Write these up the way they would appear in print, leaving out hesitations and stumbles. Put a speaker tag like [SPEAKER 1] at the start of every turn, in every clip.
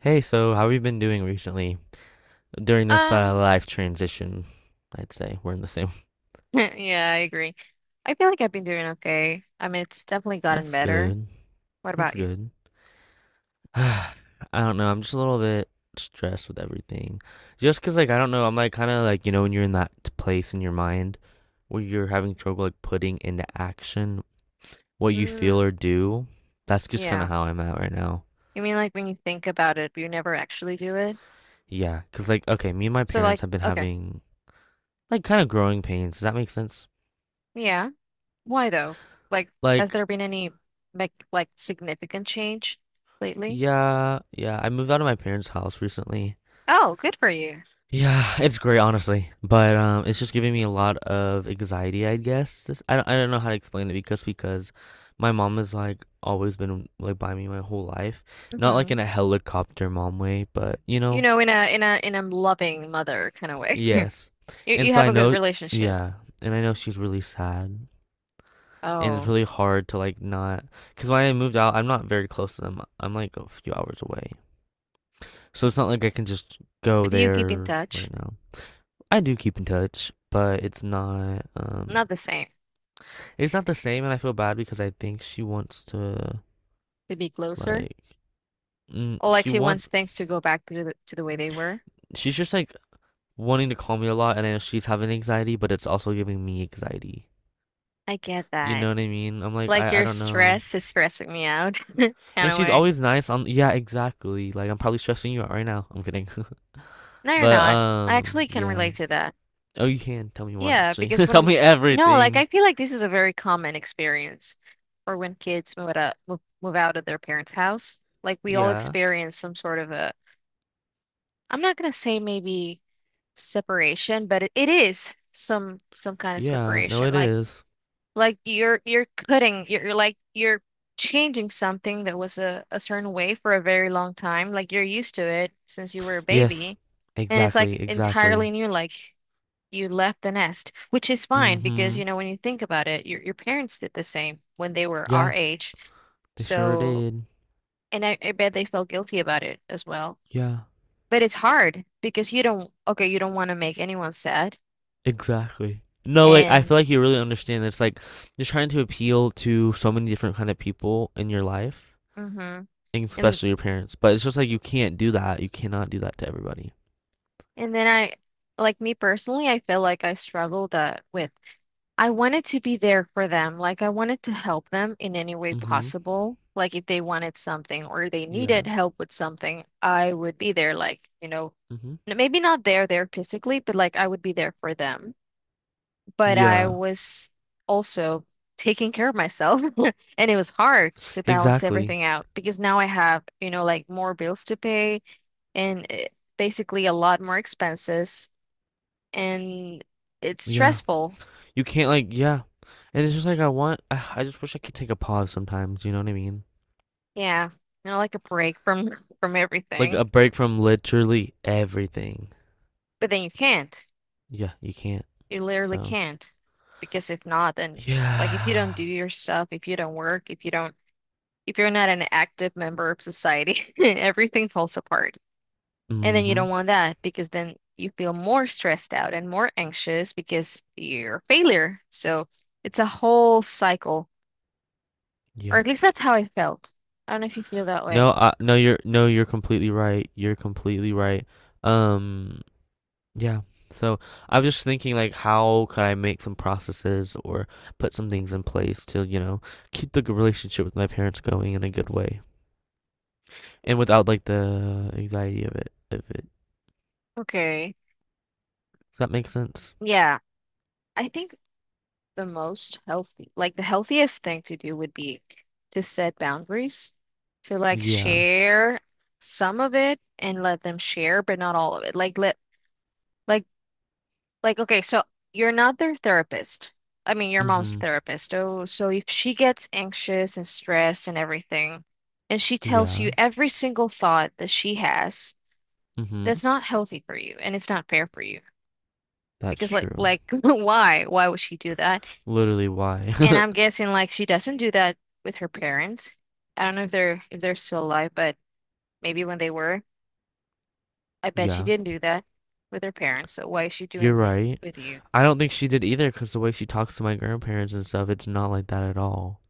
[SPEAKER 1] Hey, so how have you been doing recently during this
[SPEAKER 2] Um,
[SPEAKER 1] life transition? I'd say we're in the same.
[SPEAKER 2] yeah, I agree. I feel like I've been doing okay. I mean, it's definitely gotten
[SPEAKER 1] That's
[SPEAKER 2] better.
[SPEAKER 1] good.
[SPEAKER 2] What
[SPEAKER 1] That's
[SPEAKER 2] about you?
[SPEAKER 1] good. I don't know. I'm just a little bit stressed with everything. Just 'cause like I don't know, I'm like kind of like, when you're in that place in your mind where you're having trouble like putting into action what you feel
[SPEAKER 2] Mm,
[SPEAKER 1] or do. That's just kind
[SPEAKER 2] yeah.
[SPEAKER 1] of how I'm at right now.
[SPEAKER 2] You mean, like when you think about it, but you never actually do it.
[SPEAKER 1] Yeah, 'cause like okay, me and my
[SPEAKER 2] So,
[SPEAKER 1] parents
[SPEAKER 2] like,
[SPEAKER 1] have been
[SPEAKER 2] okay,
[SPEAKER 1] having like kind of growing pains. Does that make sense?
[SPEAKER 2] yeah. Why though? Like, has
[SPEAKER 1] Like
[SPEAKER 2] there been any like significant change lately?
[SPEAKER 1] yeah, yeah. I moved out of my parents' house recently.
[SPEAKER 2] Oh, good for you.
[SPEAKER 1] Yeah, it's great, honestly. But it's just giving me a lot of anxiety, I guess. This, I don't know how to explain it because my mom has like always been like by me my whole life. Not like
[SPEAKER 2] Hmm.
[SPEAKER 1] in a helicopter mom way, but you
[SPEAKER 2] You
[SPEAKER 1] know,
[SPEAKER 2] know, in a loving mother kind of way.
[SPEAKER 1] yes.
[SPEAKER 2] You
[SPEAKER 1] And
[SPEAKER 2] you
[SPEAKER 1] so
[SPEAKER 2] have
[SPEAKER 1] I
[SPEAKER 2] a good
[SPEAKER 1] know,
[SPEAKER 2] relationship.
[SPEAKER 1] yeah, and I know she's really sad. And it's
[SPEAKER 2] Oh,
[SPEAKER 1] really hard to like not, because when I moved out, I'm not very close to them. I'm like a few hours away. So it's not like I can just go
[SPEAKER 2] but do you keep in
[SPEAKER 1] there
[SPEAKER 2] touch?
[SPEAKER 1] right now. I do keep in touch, but it's not,
[SPEAKER 2] Not the same.
[SPEAKER 1] it's not the same and I feel bad because I think she wants to
[SPEAKER 2] To be closer.
[SPEAKER 1] like mm,
[SPEAKER 2] Alexia wants things to go back to the way they were.
[SPEAKER 1] she's just like wanting to call me a lot and I know she's having anxiety, but it's also giving me anxiety.
[SPEAKER 2] I get
[SPEAKER 1] You
[SPEAKER 2] that.
[SPEAKER 1] know what I mean? I'm like
[SPEAKER 2] Like
[SPEAKER 1] I
[SPEAKER 2] your
[SPEAKER 1] don't know.
[SPEAKER 2] stress is stressing me out, kind
[SPEAKER 1] And
[SPEAKER 2] of
[SPEAKER 1] she's
[SPEAKER 2] way.
[SPEAKER 1] always nice on yeah, exactly. Like I'm probably stressing you out right now. I'm kidding.
[SPEAKER 2] No, you're
[SPEAKER 1] But
[SPEAKER 2] not. I actually can
[SPEAKER 1] yeah.
[SPEAKER 2] relate to that.
[SPEAKER 1] Oh, you can tell me more
[SPEAKER 2] Yeah,
[SPEAKER 1] actually.
[SPEAKER 2] because
[SPEAKER 1] Tell
[SPEAKER 2] when
[SPEAKER 1] me
[SPEAKER 2] no, like
[SPEAKER 1] everything.
[SPEAKER 2] I feel like this is a very common experience or when kids move out of, move out of their parents' house. Like we all
[SPEAKER 1] Yeah.
[SPEAKER 2] experience some sort of a, I'm not gonna say maybe separation, but it is some kind of
[SPEAKER 1] Yeah, no
[SPEAKER 2] separation.
[SPEAKER 1] it
[SPEAKER 2] Like
[SPEAKER 1] is.
[SPEAKER 2] Like you're cutting, you're like you're changing something that was a certain way for a very long time. Like you're used to it since you were a
[SPEAKER 1] Yes.
[SPEAKER 2] baby. And it's
[SPEAKER 1] Exactly,
[SPEAKER 2] like
[SPEAKER 1] exactly.
[SPEAKER 2] entirely new, like you left the nest, which is fine because,
[SPEAKER 1] Mhm.
[SPEAKER 2] you know, when you think about it, your parents did the same when they were
[SPEAKER 1] Yeah,
[SPEAKER 2] our age.
[SPEAKER 1] they sure
[SPEAKER 2] So,
[SPEAKER 1] did.
[SPEAKER 2] and I bet they felt guilty about it as well.
[SPEAKER 1] Yeah,
[SPEAKER 2] But it's hard because you don't, okay, you don't want to make anyone sad,
[SPEAKER 1] exactly. No, like I
[SPEAKER 2] and
[SPEAKER 1] feel like you really understand that it's like you're trying to appeal to so many different kind of people in your life,
[SPEAKER 2] mm-hmm.
[SPEAKER 1] and
[SPEAKER 2] And
[SPEAKER 1] especially your parents. But it's just like you can't do that. You cannot do that to everybody.
[SPEAKER 2] And then like me personally, I feel like I struggled with, I wanted to be there for them. Like I wanted to help them in any way
[SPEAKER 1] Mhm.
[SPEAKER 2] possible. Like if they wanted something or they
[SPEAKER 1] Yeah.
[SPEAKER 2] needed help with something, I would be there. Like,
[SPEAKER 1] Mhm.
[SPEAKER 2] maybe not there, there physically, but like I would be there for them. But I
[SPEAKER 1] Yeah.
[SPEAKER 2] was also taking care of myself. And it was hard to balance
[SPEAKER 1] Exactly.
[SPEAKER 2] everything out because now I have, you know, like more bills to pay and basically a lot more expenses and it's
[SPEAKER 1] Yeah.
[SPEAKER 2] stressful.
[SPEAKER 1] You can't like yeah. And it's just like I want I just wish I could take a pause sometimes, you know what I mean?
[SPEAKER 2] Yeah, you know, like a break from from
[SPEAKER 1] Like
[SPEAKER 2] everything.
[SPEAKER 1] a break from literally everything.
[SPEAKER 2] But then you can't.
[SPEAKER 1] Yeah, you can't.
[SPEAKER 2] You literally
[SPEAKER 1] So
[SPEAKER 2] can't. Because if not, then like if you don't do
[SPEAKER 1] yeah.
[SPEAKER 2] your stuff, if you don't work, if you're not an active member of society, everything falls apart. And then you
[SPEAKER 1] Mm-hmm.
[SPEAKER 2] don't want that because then you feel more stressed out and more anxious because you're a failure. So it's a whole cycle. Or
[SPEAKER 1] Yep.
[SPEAKER 2] at least that's how I felt. I don't know if you feel that way.
[SPEAKER 1] No, you're no, you're completely right. You're completely right. Um, yeah. So I was just thinking like how could I make some processes or put some things in place to, you know, keep the g- relationship with my parents going in a good way and without like the anxiety of it.
[SPEAKER 2] Okay.
[SPEAKER 1] Does that make sense?
[SPEAKER 2] Yeah, I think the most healthy, like the healthiest thing to do would be to set boundaries, to like
[SPEAKER 1] Yeah.
[SPEAKER 2] share some of it and let them share, but not all of it. Like let like like okay, so you're not their therapist. I mean, your mom's
[SPEAKER 1] Mm-hmm.
[SPEAKER 2] therapist. Oh, so if she gets anxious and stressed and everything, and she tells you
[SPEAKER 1] Yeah.
[SPEAKER 2] every single thought that she has,
[SPEAKER 1] Mm-hmm.
[SPEAKER 2] that's not healthy for you and it's not fair for you.
[SPEAKER 1] That's
[SPEAKER 2] Because like
[SPEAKER 1] true.
[SPEAKER 2] like why? Why would she do that?
[SPEAKER 1] Literally why.
[SPEAKER 2] And I'm guessing like she doesn't do that with her parents. I don't know if they're still alive, but maybe when they were, I bet she
[SPEAKER 1] Yeah.
[SPEAKER 2] didn't do that with her parents. So why is she
[SPEAKER 1] You're
[SPEAKER 2] doing it
[SPEAKER 1] right.
[SPEAKER 2] with you?
[SPEAKER 1] I don't think she did either because the way she talks to my grandparents and stuff, it's not like that at all.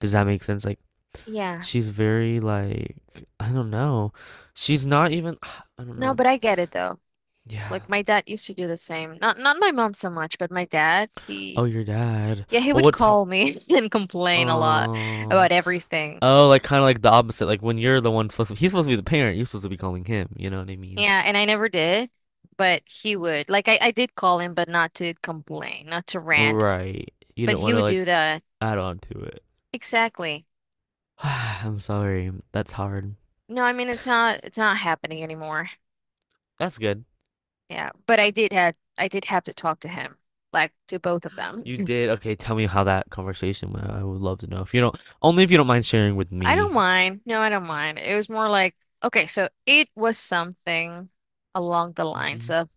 [SPEAKER 1] Does that make sense? Like,
[SPEAKER 2] Yeah.
[SPEAKER 1] she's very, like, I don't know. She's not even, I don't
[SPEAKER 2] No,
[SPEAKER 1] know.
[SPEAKER 2] but I get it though.
[SPEAKER 1] Yeah.
[SPEAKER 2] Like my dad used to do the same. Not my mom so much, but my dad,
[SPEAKER 1] Oh,
[SPEAKER 2] he
[SPEAKER 1] your dad.
[SPEAKER 2] yeah, he
[SPEAKER 1] Well,
[SPEAKER 2] would
[SPEAKER 1] what's hard?
[SPEAKER 2] call me and complain a lot
[SPEAKER 1] Oh,
[SPEAKER 2] about everything.
[SPEAKER 1] oh, like kind of like the opposite. Like when you're the one supposed to, he's supposed to be the parent. You're supposed to be calling him. You know what I mean?
[SPEAKER 2] Yeah, and I never did, but he would. Like I did call him, but not to complain, not to rant,
[SPEAKER 1] Right. You
[SPEAKER 2] but
[SPEAKER 1] don't
[SPEAKER 2] he
[SPEAKER 1] want to
[SPEAKER 2] would do
[SPEAKER 1] like
[SPEAKER 2] that.
[SPEAKER 1] add on to it.
[SPEAKER 2] Exactly.
[SPEAKER 1] I'm sorry. That's hard.
[SPEAKER 2] No, I mean it's not happening anymore.
[SPEAKER 1] That's good.
[SPEAKER 2] Yeah, but I did have to talk to him, like to both of them.
[SPEAKER 1] You did? Okay, tell me how that conversation went. I would love to know. If you don't, only if you don't mind sharing with
[SPEAKER 2] I don't
[SPEAKER 1] me.
[SPEAKER 2] mind. No, I don't mind. It was more like okay, so it was something along the lines
[SPEAKER 1] Hmm.
[SPEAKER 2] of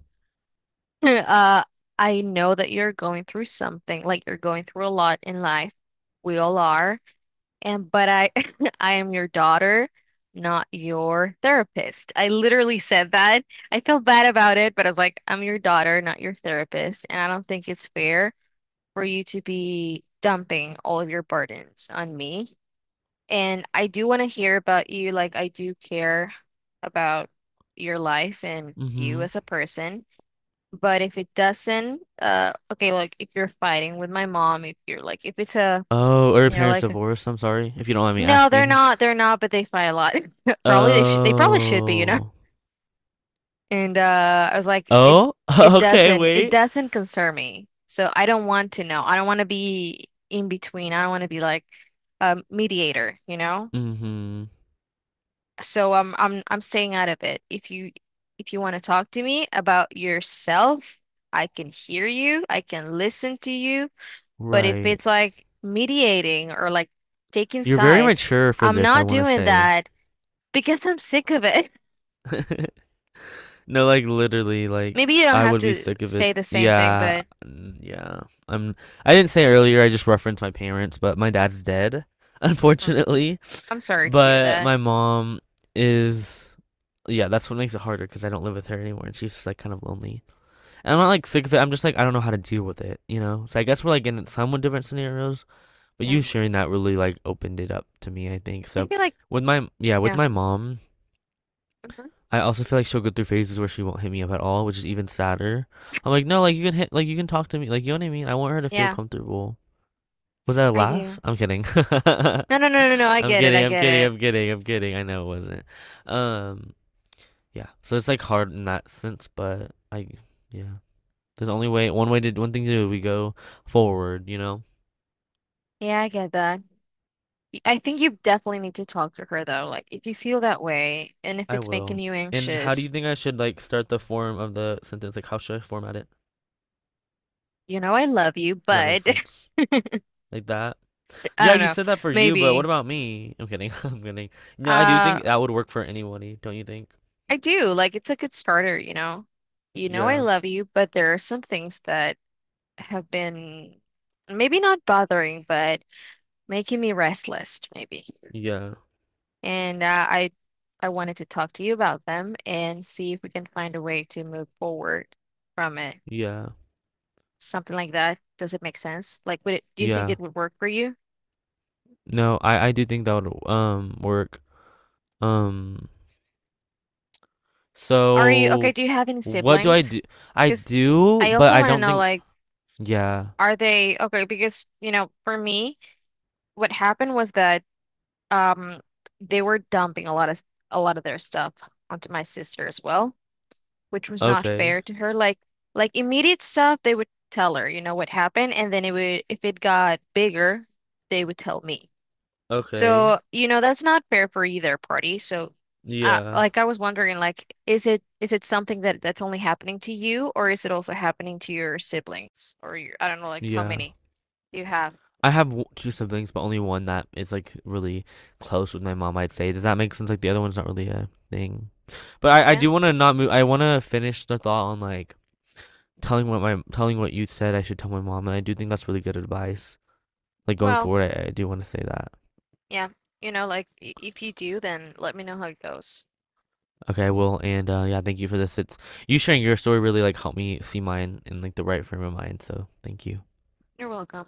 [SPEAKER 2] uh I know that you're going through something, like you're going through a lot in life. We all are. And but I I am your daughter, not your therapist. I literally said that. I feel bad about it, but I was like, I'm your daughter, not your therapist, and I don't think it's fair for you to be dumping all of your burdens on me. And I do want to hear about you. Like, I do care about your life and you
[SPEAKER 1] Hmm.
[SPEAKER 2] as a person. But if it doesn't, okay, like if you're fighting with my mom, if you're like, if
[SPEAKER 1] Oh, are your
[SPEAKER 2] you know,
[SPEAKER 1] parents
[SPEAKER 2] like
[SPEAKER 1] divorced? I'm sorry if you don't mind me
[SPEAKER 2] no, they're
[SPEAKER 1] asking.
[SPEAKER 2] not. They're not, but they fight a lot. Probably they should. They probably should be, you know.
[SPEAKER 1] Oh.
[SPEAKER 2] And I was like, it
[SPEAKER 1] Oh?
[SPEAKER 2] it
[SPEAKER 1] Okay,
[SPEAKER 2] doesn't it
[SPEAKER 1] wait.
[SPEAKER 2] doesn't concern me. So I don't want to know. I don't want to be in between. I don't want to be like a mediator, you know.
[SPEAKER 1] Hmm.
[SPEAKER 2] So I'm staying out of it. If you want to talk to me about yourself, I can hear you. I can listen to you. But if
[SPEAKER 1] Right.
[SPEAKER 2] it's like mediating or like taking
[SPEAKER 1] You're very
[SPEAKER 2] sides,
[SPEAKER 1] mature for
[SPEAKER 2] I'm
[SPEAKER 1] this, I
[SPEAKER 2] not
[SPEAKER 1] want to
[SPEAKER 2] doing
[SPEAKER 1] say.
[SPEAKER 2] that. Because I'm sick of it.
[SPEAKER 1] No, like literally, like
[SPEAKER 2] Maybe you don't
[SPEAKER 1] I
[SPEAKER 2] have
[SPEAKER 1] would be
[SPEAKER 2] to
[SPEAKER 1] sick of it.
[SPEAKER 2] say the same thing,
[SPEAKER 1] Yeah.
[SPEAKER 2] but
[SPEAKER 1] Mm, yeah. I'm I didn't say earlier, I just referenced my parents, but my dad's dead,
[SPEAKER 2] mhm.
[SPEAKER 1] unfortunately.
[SPEAKER 2] I'm sorry to hear
[SPEAKER 1] But
[SPEAKER 2] that.
[SPEAKER 1] my mom is, yeah, that's what makes it harder because I don't live with her anymore, and she's just like kind of lonely. And I'm not like sick of it. I'm just like I don't know how to deal with it, you know. So I guess we're like in somewhat different scenarios. But
[SPEAKER 2] Yeah.
[SPEAKER 1] you sharing that really like opened it up to me, I think.
[SPEAKER 2] I
[SPEAKER 1] So
[SPEAKER 2] feel like,
[SPEAKER 1] with
[SPEAKER 2] yeah.
[SPEAKER 1] my mom,
[SPEAKER 2] Hmm.
[SPEAKER 1] I also feel like she'll go through phases where she won't hit me up at all, which is even sadder. I'm like, no, like you can hit, like you can talk to me, like you know what I mean. I want her to feel
[SPEAKER 2] Yeah,
[SPEAKER 1] comfortable. Was that a
[SPEAKER 2] I
[SPEAKER 1] laugh?
[SPEAKER 2] do.
[SPEAKER 1] I'm kidding.
[SPEAKER 2] No, no, no, no, no. I get it. I get it.
[SPEAKER 1] I'm kidding. I know it wasn't. Um, Yeah. So it's like hard in that sense, but I yeah. There's only way one way to one thing to do, we go forward, you know?
[SPEAKER 2] Yeah, I get that. I think you definitely need to talk to her, though. Like, if you feel that way and if
[SPEAKER 1] I
[SPEAKER 2] it's making
[SPEAKER 1] will.
[SPEAKER 2] you
[SPEAKER 1] And how do
[SPEAKER 2] anxious,
[SPEAKER 1] you think I should like start the form of the sentence? Like how should I format it?
[SPEAKER 2] you know, I love you,
[SPEAKER 1] Does that make
[SPEAKER 2] but
[SPEAKER 1] sense? Like that?
[SPEAKER 2] I
[SPEAKER 1] Yeah,
[SPEAKER 2] don't
[SPEAKER 1] you
[SPEAKER 2] know.
[SPEAKER 1] said that for you, but what
[SPEAKER 2] Maybe.
[SPEAKER 1] about me? I'm kidding. I'm kidding. No, I do
[SPEAKER 2] Uh,
[SPEAKER 1] think that would work for anybody, don't you think?
[SPEAKER 2] I do. Like, it's a good starter, you know? You know, I
[SPEAKER 1] Yeah.
[SPEAKER 2] love you, but there are some things that have been maybe not bothering, but making me restless, maybe.
[SPEAKER 1] Yeah.
[SPEAKER 2] And I wanted to talk to you about them and see if we can find a way to move forward from it.
[SPEAKER 1] Yeah.
[SPEAKER 2] Something like that. Does it make sense? Like, would it, do you think
[SPEAKER 1] Yeah.
[SPEAKER 2] it would work for you?
[SPEAKER 1] No, I do think that would work. Um,
[SPEAKER 2] Are you okay?
[SPEAKER 1] so,
[SPEAKER 2] Do you have any
[SPEAKER 1] what do I
[SPEAKER 2] siblings?
[SPEAKER 1] do? I
[SPEAKER 2] Because
[SPEAKER 1] do,
[SPEAKER 2] I
[SPEAKER 1] but
[SPEAKER 2] also
[SPEAKER 1] I
[SPEAKER 2] want to
[SPEAKER 1] don't
[SPEAKER 2] know,
[SPEAKER 1] think.
[SPEAKER 2] like,
[SPEAKER 1] Yeah.
[SPEAKER 2] are they okay? Because, you know, for me, what happened was that um they were dumping a lot of their stuff onto my sister as well. Which was not
[SPEAKER 1] Okay.
[SPEAKER 2] fair to her. Like immediate stuff, they would tell her, you know, what happened, and then it would if it got bigger, they would tell me.
[SPEAKER 1] Okay.
[SPEAKER 2] So, you know, that's not fair for either party. So,
[SPEAKER 1] Yeah.
[SPEAKER 2] like I was wondering, like, is it something that that's only happening to you, or is it also happening to your siblings, or your, I don't know, like how
[SPEAKER 1] Yeah.
[SPEAKER 2] many you have?
[SPEAKER 1] I have w- two siblings, but only one that is like really close with my mom, I'd say. Does that make sense? Like the other one's not really a thing. But I
[SPEAKER 2] Yeah.
[SPEAKER 1] do want to not move. I want to finish the thought on like telling what you said I should tell my mom, and I do think that's really good advice. Like going
[SPEAKER 2] Well,
[SPEAKER 1] forward, I do want to say that.
[SPEAKER 2] yeah. You know, like if you do, then let me know how it goes.
[SPEAKER 1] Okay, well, and yeah, thank you for this. It's you sharing your story really like helped me see mine in like the right frame of mind. So thank you.
[SPEAKER 2] You're welcome.